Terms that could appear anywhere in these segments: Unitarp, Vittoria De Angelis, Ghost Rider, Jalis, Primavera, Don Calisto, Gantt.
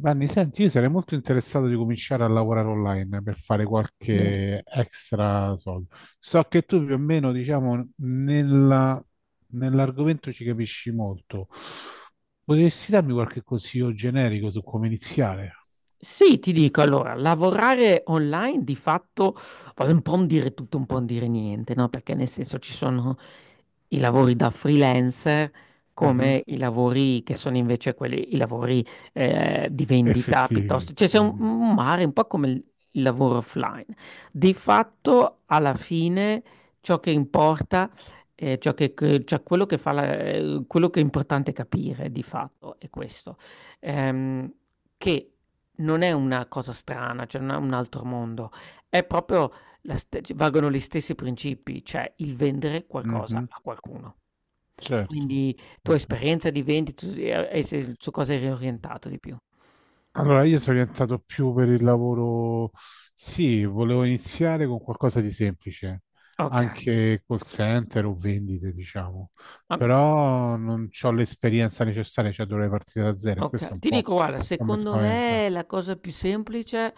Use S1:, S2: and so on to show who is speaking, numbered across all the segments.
S1: Vanni, senti, io sarei molto interessato di cominciare a lavorare online per fare
S2: Bene.
S1: qualche extra soldo. So che tu più o meno, diciamo, nell'argomento ci capisci molto. Potresti darmi qualche consiglio generico su come iniziare?
S2: Sì, ti dico, allora, lavorare online di fatto, poi un po' un dire tutto, un po' un dire niente, no? Perché nel senso ci sono i lavori da freelancer
S1: Mhm.
S2: come i lavori che sono invece quelli, i lavori di vendita
S1: Effettivi,
S2: piuttosto, cioè c'è
S1: voglio dire.
S2: un mare un po' come il lavoro offline. Di fatto, alla fine, ciò che importa, ciò che, cioè quello che quello che è importante capire di fatto è questo. Ehm, che non è una cosa strana, cioè non è un altro mondo, è proprio la st c valgono gli stessi principi, cioè il vendere qualcosa
S1: Mhm.
S2: a qualcuno.
S1: Certo,
S2: Quindi tua
S1: certo.
S2: esperienza di vendita tu e se su cosa eri orientato di più?
S1: Allora, io sono orientato più per il lavoro, sì, volevo iniziare con qualcosa di semplice,
S2: Okay,
S1: anche call center o vendite, diciamo,
S2: ma
S1: però non ho l'esperienza necessaria, cioè dovrei partire da zero, e
S2: Oka
S1: questo è un
S2: ti
S1: po'
S2: dico guarda,
S1: come
S2: secondo
S1: spaventa.
S2: me la cosa più semplice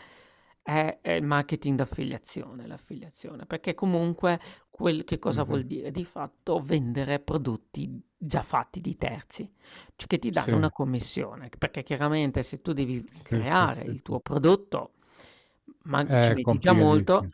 S2: è il marketing d'affiliazione, l'affiliazione, perché comunque quel che cosa vuol
S1: Mhm.
S2: dire? Di fatto vendere prodotti già fatti di terzi, cioè che ti
S1: Sì,
S2: danno una commissione, perché chiaramente se tu devi
S1: sì, sì,
S2: creare
S1: sì,
S2: il
S1: sì.
S2: tuo prodotto, ma ci
S1: È
S2: metti già molto
S1: complicatissimo.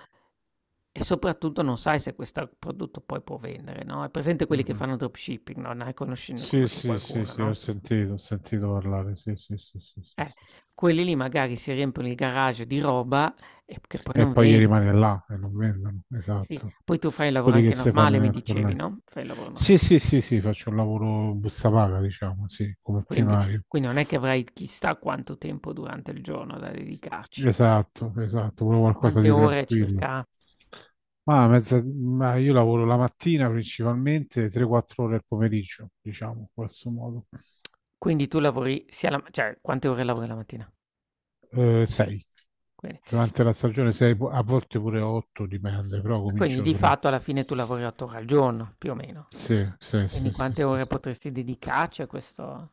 S2: e soprattutto non sai se questo prodotto poi può vendere, no? È presente quelli che
S1: Mhm.
S2: fanno dropshipping, no? Ne conosci ne
S1: Sì,
S2: conosci
S1: sì, sì,
S2: qualcuno,
S1: sì,
S2: no?
S1: ho sentito parlare, sì, sì, sì, sì, sì,
S2: Eh,
S1: sì.
S2: Quelli lì magari si riempiono il garage di roba e che poi
S1: E
S2: non
S1: poi gli
S2: vendi.
S1: rimane là e non vendono,
S2: Sì,
S1: esatto.
S2: poi tu fai il lavoro
S1: Quelli che
S2: anche
S1: si fanno
S2: normale,
S1: in
S2: mi dicevi,
S1: Estornello.
S2: no? Fai il lavoro
S1: Sì,
S2: normale.
S1: sì, sì, sì, faccio un lavoro busta paga, diciamo, sì, come
S2: Quindi,
S1: primario.
S2: quindi non è che avrai chissà quanto tempo durante il giorno da dedicarci.
S1: Esatto, esatto, proprio qualcosa
S2: Quante
S1: di
S2: ore
S1: tranquillo.
S2: circa?
S1: Ma, ma io lavoro la mattina principalmente, 3-4 ore al pomeriggio, diciamo, in questo modo.
S2: Quindi tu lavori sia la, cioè quante ore lavori la mattina?
S1: 6.
S2: Quindi,
S1: Durante la stagione 6, a volte pure 8, dipende, però
S2: quindi
S1: comincio
S2: di fatto
S1: presto.
S2: alla fine tu lavori 8 ore al giorno, più o meno.
S1: Sì, sì,
S2: Quindi
S1: sì, sì,
S2: quante
S1: sì.
S2: ore potresti dedicarci a questo?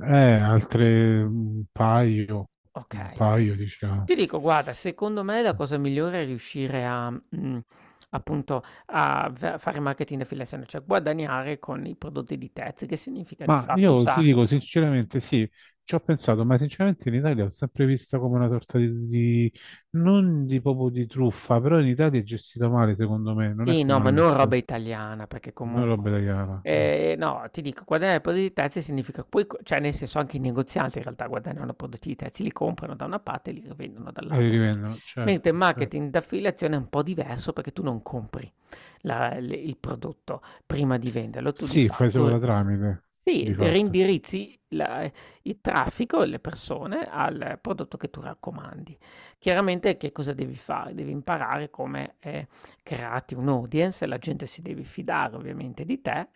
S1: Altre un
S2: Okay, ad
S1: paio, diciamo.
S2: ti dico guarda, secondo me la cosa migliore è riuscire a appunto a v fare marketing affiliation, cioè guadagnare con i prodotti di terzi, che significa di
S1: Ma
S2: fatto
S1: io ti
S2: usa
S1: dico sinceramente, sì, ci ho pensato, ma sinceramente in Italia l'ho sempre vista come una sorta di non di proprio di truffa, però in Italia è gestita male, secondo me, non è
S2: sì, no,
S1: come
S2: ma non
S1: all'estero.
S2: roba italiana, perché
S1: Noi roba
S2: comunque
S1: italiana, eh.
S2: no, ti dico guadagnare prodotti di terzi significa poi co cioè nel senso anche i negozianti in realtà guadagnano prodotti di terzi, li comprano da una parte e li rivendono
S1: E li
S2: dall'altra,
S1: rivendono,
S2: mentre il
S1: certo, certo.
S2: marketing d'affiliazione è un po' diverso perché tu non compri. La il prodotto prima di venderlo. Tu di
S1: Sì, fai solo da
S2: fatto
S1: tramite,
S2: sì,
S1: di
S2: d
S1: fatto.
S2: reindirizzi la il traffico, e le persone al prodotto che tu raccomandi. Chiaramente che cosa devi fare? Devi imparare come, crearti un'audience, la gente si deve fidare ovviamente di te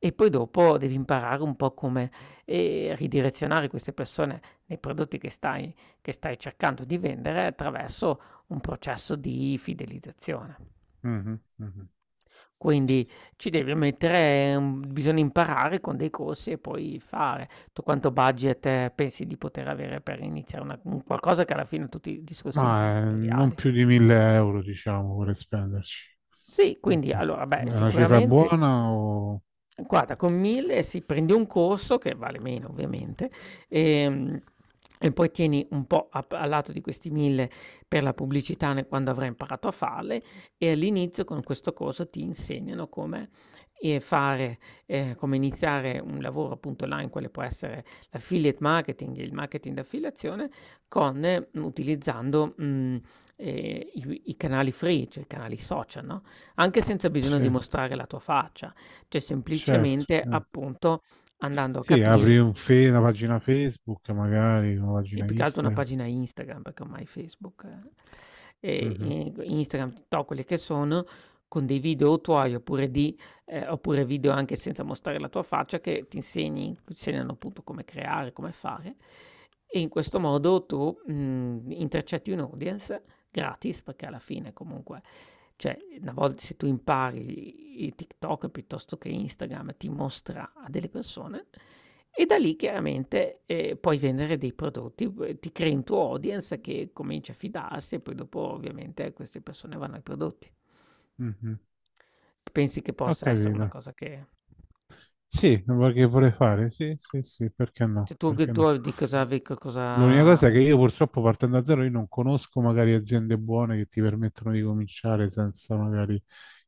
S2: e poi dopo devi imparare un po' come, ridirezionare queste persone nei prodotti che stai cercando di vendere attraverso un processo di fidelizzazione.
S1: Mhm, mhm.
S2: Quindi ci devi mettere un bisogna imparare con dei corsi e poi fare. Tu quanto budget pensi di poter avere per iniziare una un qualcosa che alla fine tutti i discorsi
S1: Ma non
S2: imprenditoriali?
S1: più di 1000 euro, diciamo, per spenderci.
S2: Sì, quindi
S1: Sì. È
S2: allora beh,
S1: una cifra
S2: sicuramente
S1: buona o...
S2: guarda, con 1000 sì, prendi un corso che vale meno ovviamente, ehm, e poi tieni un po' a lato di questi 1000 per la pubblicità ne quando avrai imparato a farle, e all'inizio con questo corso ti insegnano come, fare come iniziare un lavoro appunto online, quale può essere l'affiliate marketing, il marketing d'affiliazione con utilizzando, i canali free, cioè i canali social, no? Anche senza bisogno
S1: Sì,
S2: di mostrare la tua faccia, cioè
S1: certo,
S2: semplicemente
S1: eh.
S2: appunto andando a
S1: Sì,
S2: capire
S1: apri un una pagina Facebook, magari una
S2: sì,
S1: pagina
S2: più che altro una
S1: Instagram.
S2: pagina Instagram, perché ormai Facebook eh, e
S1: Mhm,
S2: in Instagram, TikTok, quelle che sono, con dei video tuoi oppure di, oppure video anche senza mostrare la tua faccia che ti insegni, ti insegnano appunto come creare, come fare. E in questo modo tu intercetti un audience gratis, perché alla fine comunque, cioè, una volta se tu impari i TikTok piuttosto che Instagram, ti mostra a delle persone e da lì chiaramente, puoi vendere dei prodotti, ti crei un tuo audience che comincia a fidarsi e poi dopo ovviamente queste persone vanno ai prodotti.
S1: mhm.
S2: Pensi che
S1: Ho
S2: possa essere una
S1: capito.
S2: cosa che
S1: Sì, che vorrei fare? Sì, sì, sì, perché no?
S2: cioè tu che
S1: Perché
S2: tu
S1: no?
S2: di cosa vi co cosa
S1: L'unica cosa è che io purtroppo partendo da zero, io non conosco magari aziende buone che ti permettono di cominciare senza magari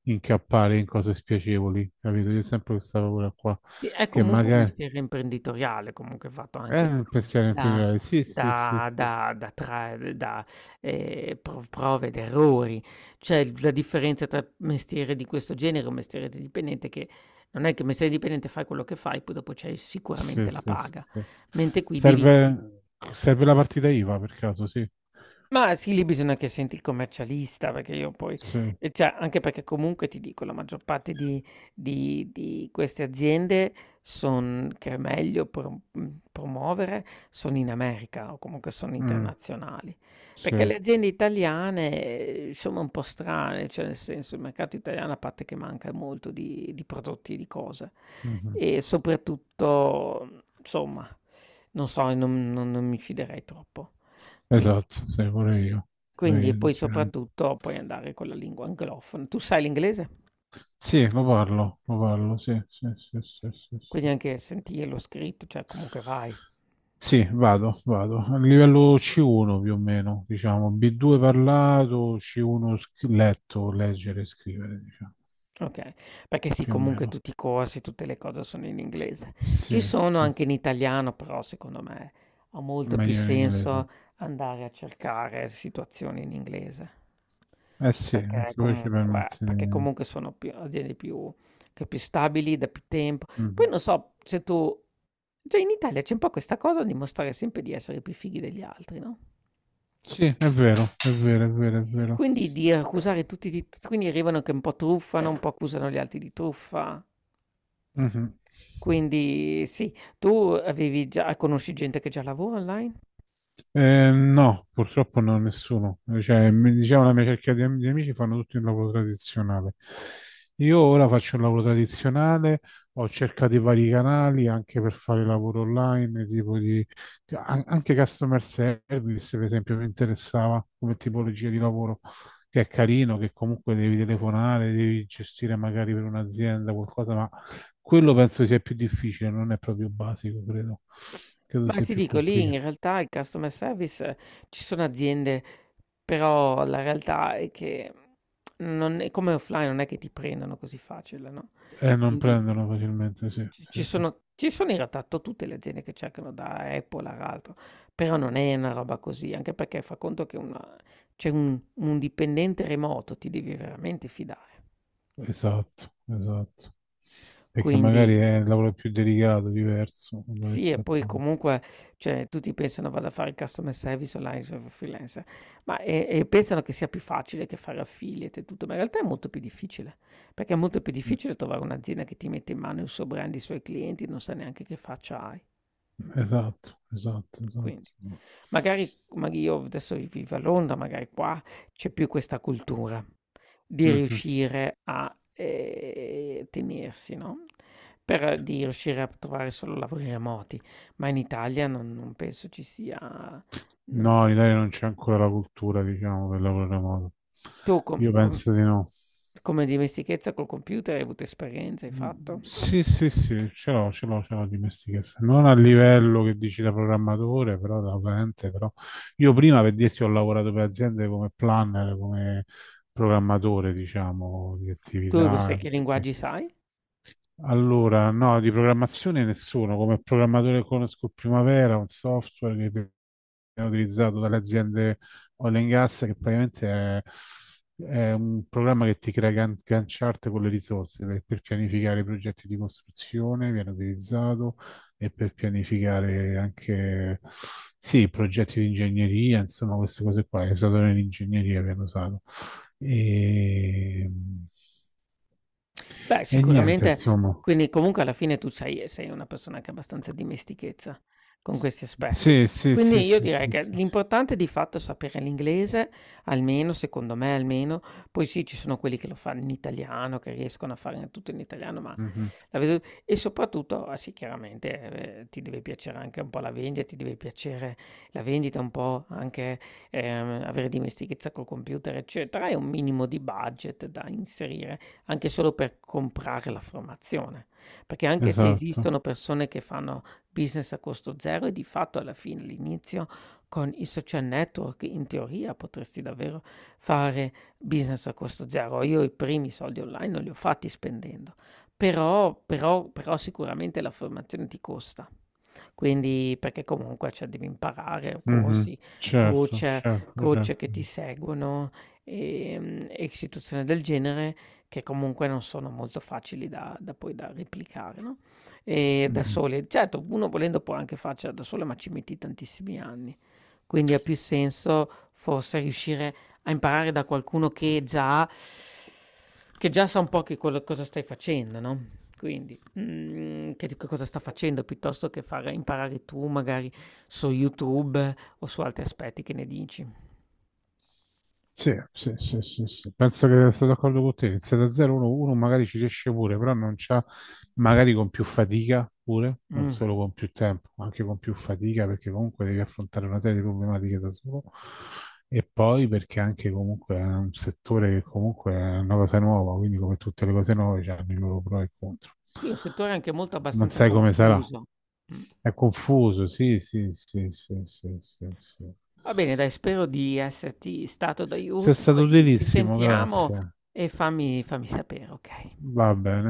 S1: incappare in cose spiacevoli, capito? Io sempre questa paura qua,
S2: sì, è
S1: che
S2: comunque un
S1: magari...
S2: mestiere imprenditoriale, comunque fatto anche
S1: Pensiamo in più di
S2: da,
S1: là. Sì, sì, sì,
S2: da,
S1: sì.
S2: da, da, tra- da, eh, pro- prove ed errori. C'è la differenza tra mestiere di questo genere e un mestiere di dipendente che non è che il mestiere di dipendente fai quello che fai, poi dopo c'è
S1: Sì,
S2: sicuramente la
S1: sì, sì,
S2: paga,
S1: sì.
S2: mentre qui devi
S1: Serve, serve la partita IVA per caso, sì.
S2: ma sì, lì bisogna che senti il commercialista, perché io poi
S1: Sì,
S2: cioè anche perché comunque ti dico la maggior parte di queste aziende son che è meglio promuovere, sono in America o comunque sono
S1: mm,
S2: internazionali. Perché
S1: sì.
S2: le aziende italiane sono un po' strane, cioè nel senso il mercato italiano a parte che manca molto di prodotti e di cose,
S1: Mhm.
S2: e soprattutto, insomma, non so, non mi fiderei troppo. Quindi
S1: Esatto, sì, pure io. Pure
S2: quindi
S1: io,
S2: e poi
S1: sinceramente.
S2: soprattutto puoi andare con la lingua anglofona. Tu sai l'inglese?
S1: Sì, lo parlo, sì, sì, sì, sì, sì,
S2: Quindi
S1: sì.
S2: anche sentirlo scritto, cioè comunque vai.
S1: Sì, vado, vado. A livello C1 più o meno, diciamo. B2 parlato, C1 letto, leggere e scrivere, diciamo,
S2: Okay, perché sì,
S1: più o
S2: comunque
S1: meno.
S2: tutti i corsi, tutte le cose sono in inglese.
S1: Sì,
S2: Ci sono
S1: sì,
S2: anche in italiano, però secondo me ha molto più
S1: meglio in
S2: senso
S1: inglese.
S2: andare a cercare situazioni in inglese.
S1: Eh sì, perché
S2: Perché
S1: poi ci
S2: comunque
S1: permette
S2: perché
S1: di...
S2: comunque sono più aziende più che più stabili da più tempo. Poi
S1: Mhm.
S2: non so se tu cioè in Italia c'è un po' questa cosa di mostrare sempre di essere più fighi degli altri, no?
S1: Sì, è vero, è vero, è vero, è
S2: E
S1: vero.
S2: quindi di accusare tutti di t quindi arrivano che un po' truffano, un po' accusano gli altri di truffa.
S1: Mhm.
S2: Quindi sì. Tu avevi già conosci gente che già lavora online?
S1: No, purtroppo no, nessuno. Cioè, mi diceva la mia cerchia di, di amici fanno tutti un lavoro tradizionale. Io ora faccio un lavoro tradizionale, ho cercato i vari canali anche per fare lavoro online, tipo di anche customer service, per esempio, mi interessava come tipologia di lavoro, che è carino, che comunque devi telefonare, devi gestire magari per un'azienda qualcosa, ma quello penso sia più difficile, non è proprio basico, credo. Credo
S2: Ma
S1: sia
S2: ti
S1: più
S2: dico, lì
S1: complicato.
S2: in realtà il customer service ci sono aziende, però la realtà è che non è come offline non è che ti prendano così facile, no,
S1: E non
S2: quindi
S1: prendono facilmente, sì,
S2: Ci
S1: sì,
S2: ci
S1: sì,
S2: sono ci sono in realtà to tutte le aziende che cercano da Apple ad altro, però non è una roba così, anche perché fa conto che una cioè un dipendente remoto ti devi veramente fidare.
S1: sì. Esatto, esatto. Perché
S2: Quindi
S1: magari è il lavoro più delicato, diverso da
S2: sì, e
S1: rispetto
S2: poi
S1: a...
S2: comunque, cioè tutti pensano vado a fare il customer service online f freelancer, ma pensano che sia più facile che fare affiliate e tutto, ma in realtà è molto più difficile, perché è molto più
S1: Mm,
S2: difficile trovare un'azienda che ti mette in mano il suo brand, i suoi clienti, non sa neanche che faccia hai.
S1: esatto, esatto,
S2: Quindi
S1: esatto.
S2: magari io adesso vivo a Londra, magari qua c'è più questa cultura di
S1: Mhm.
S2: riuscire a, tenersi, no, per di riuscire a trovare solo lavori remoti, ma in Italia non penso ci sia non
S1: No, in Italia non c'è ancora la cultura, diciamo, del lavoro remoto.
S2: tu
S1: Io penso di no.
S2: come dimestichezza col computer hai avuto esperienza, hai
S1: Mm,
S2: fatto?
S1: sì, sì, sì, ce l'ho, ce l'ho, ce l'ho dimestichezza. Non a livello che dici da programmatore, però da utente, però io prima per dirti ho lavorato per aziende come planner, come programmatore, diciamo, di
S2: Tu
S1: attività,
S2: sai che
S1: cose qui.
S2: linguaggi sai?
S1: Allora, no, di programmazione nessuno, come programmatore conosco Primavera, un software che utilizzato dalle aziende oil and gas, che praticamente è un programma che ti crea Gantt chart con le risorse per pianificare i progetti di costruzione, viene utilizzato e per pianificare anche sì, progetti di ingegneria, insomma, queste cose qua, è usato nell'ingegneria, viene usato. E,
S2: Beh,
S1: e niente,
S2: sicuramente
S1: insomma.
S2: quindi comunque alla fine tu sei una persona che ha abbastanza dimestichezza con questi aspetti.
S1: Sì, sì, sì,
S2: Quindi io
S1: sì,
S2: direi
S1: sì,
S2: che
S1: sì, sì.
S2: l'importante di fatto è sapere l'inglese, almeno secondo me almeno, poi sì ci sono quelli che lo fanno in italiano, che riescono a fare tutto in italiano, ma
S1: Mhm.
S2: la vedo e soprattutto, ah sì chiaramente, ti deve piacere anche un po' la vendita, ti deve piacere la vendita, un po' anche, avere dimestichezza col computer eccetera, e un minimo di budget da inserire anche solo per comprare la formazione, perché anche se
S1: Esatto.
S2: esistono persone che fanno business a costo zero e di fatto alla fine, all'inizio con i social network in teoria potresti davvero fare business a costo zero. Io i primi soldi online non li ho fatti spendendo, però sicuramente la formazione ti costa. Quindi perché comunque cioè, devi imparare
S1: Mhm.
S2: corsi,
S1: Certo,
S2: coach,
S1: certo,
S2: coach
S1: certo.
S2: che ti seguono e, e situazioni del genere che comunque non sono molto facili da, da poi da replicare, no? E da
S1: Mhm.
S2: soli, certo, uno volendo può anche farcela da solo, ma ci metti tantissimi anni. Quindi ha più senso forse riuscire a imparare da qualcuno che già sa un po' cosa stai facendo, no? Quindi. Mhmm, che di che cosa sta facendo, piuttosto che far imparare tu magari su YouTube o su altri aspetti, che ne dici?
S1: Sì, sì, sì, sì, sì. Penso che sono d'accordo con te. Iniziare da 0 1 uno magari ci riesce pure, però non c'ha, magari con più fatica pure, non
S2: Mh.
S1: solo con più tempo, ma anche con più fatica, perché comunque devi affrontare una serie di problematiche da solo. E poi perché anche comunque è un settore che comunque è una cosa nuova, quindi come tutte le cose nuove c'hanno i loro pro e contro.
S2: Sì, è un settore anche molto
S1: Non
S2: abbastanza
S1: sai come sarà.
S2: confuso. Mh.
S1: È confuso, sì, sì, sì, sì, sì, sì, sì.
S2: Va bene dai, spero di esserti stato
S1: Sei
S2: d'aiuto
S1: stato
S2: e ci
S1: utilissimo,
S2: sentiamo
S1: grazie.
S2: e fammi sapere, okay?
S1: Vabbè,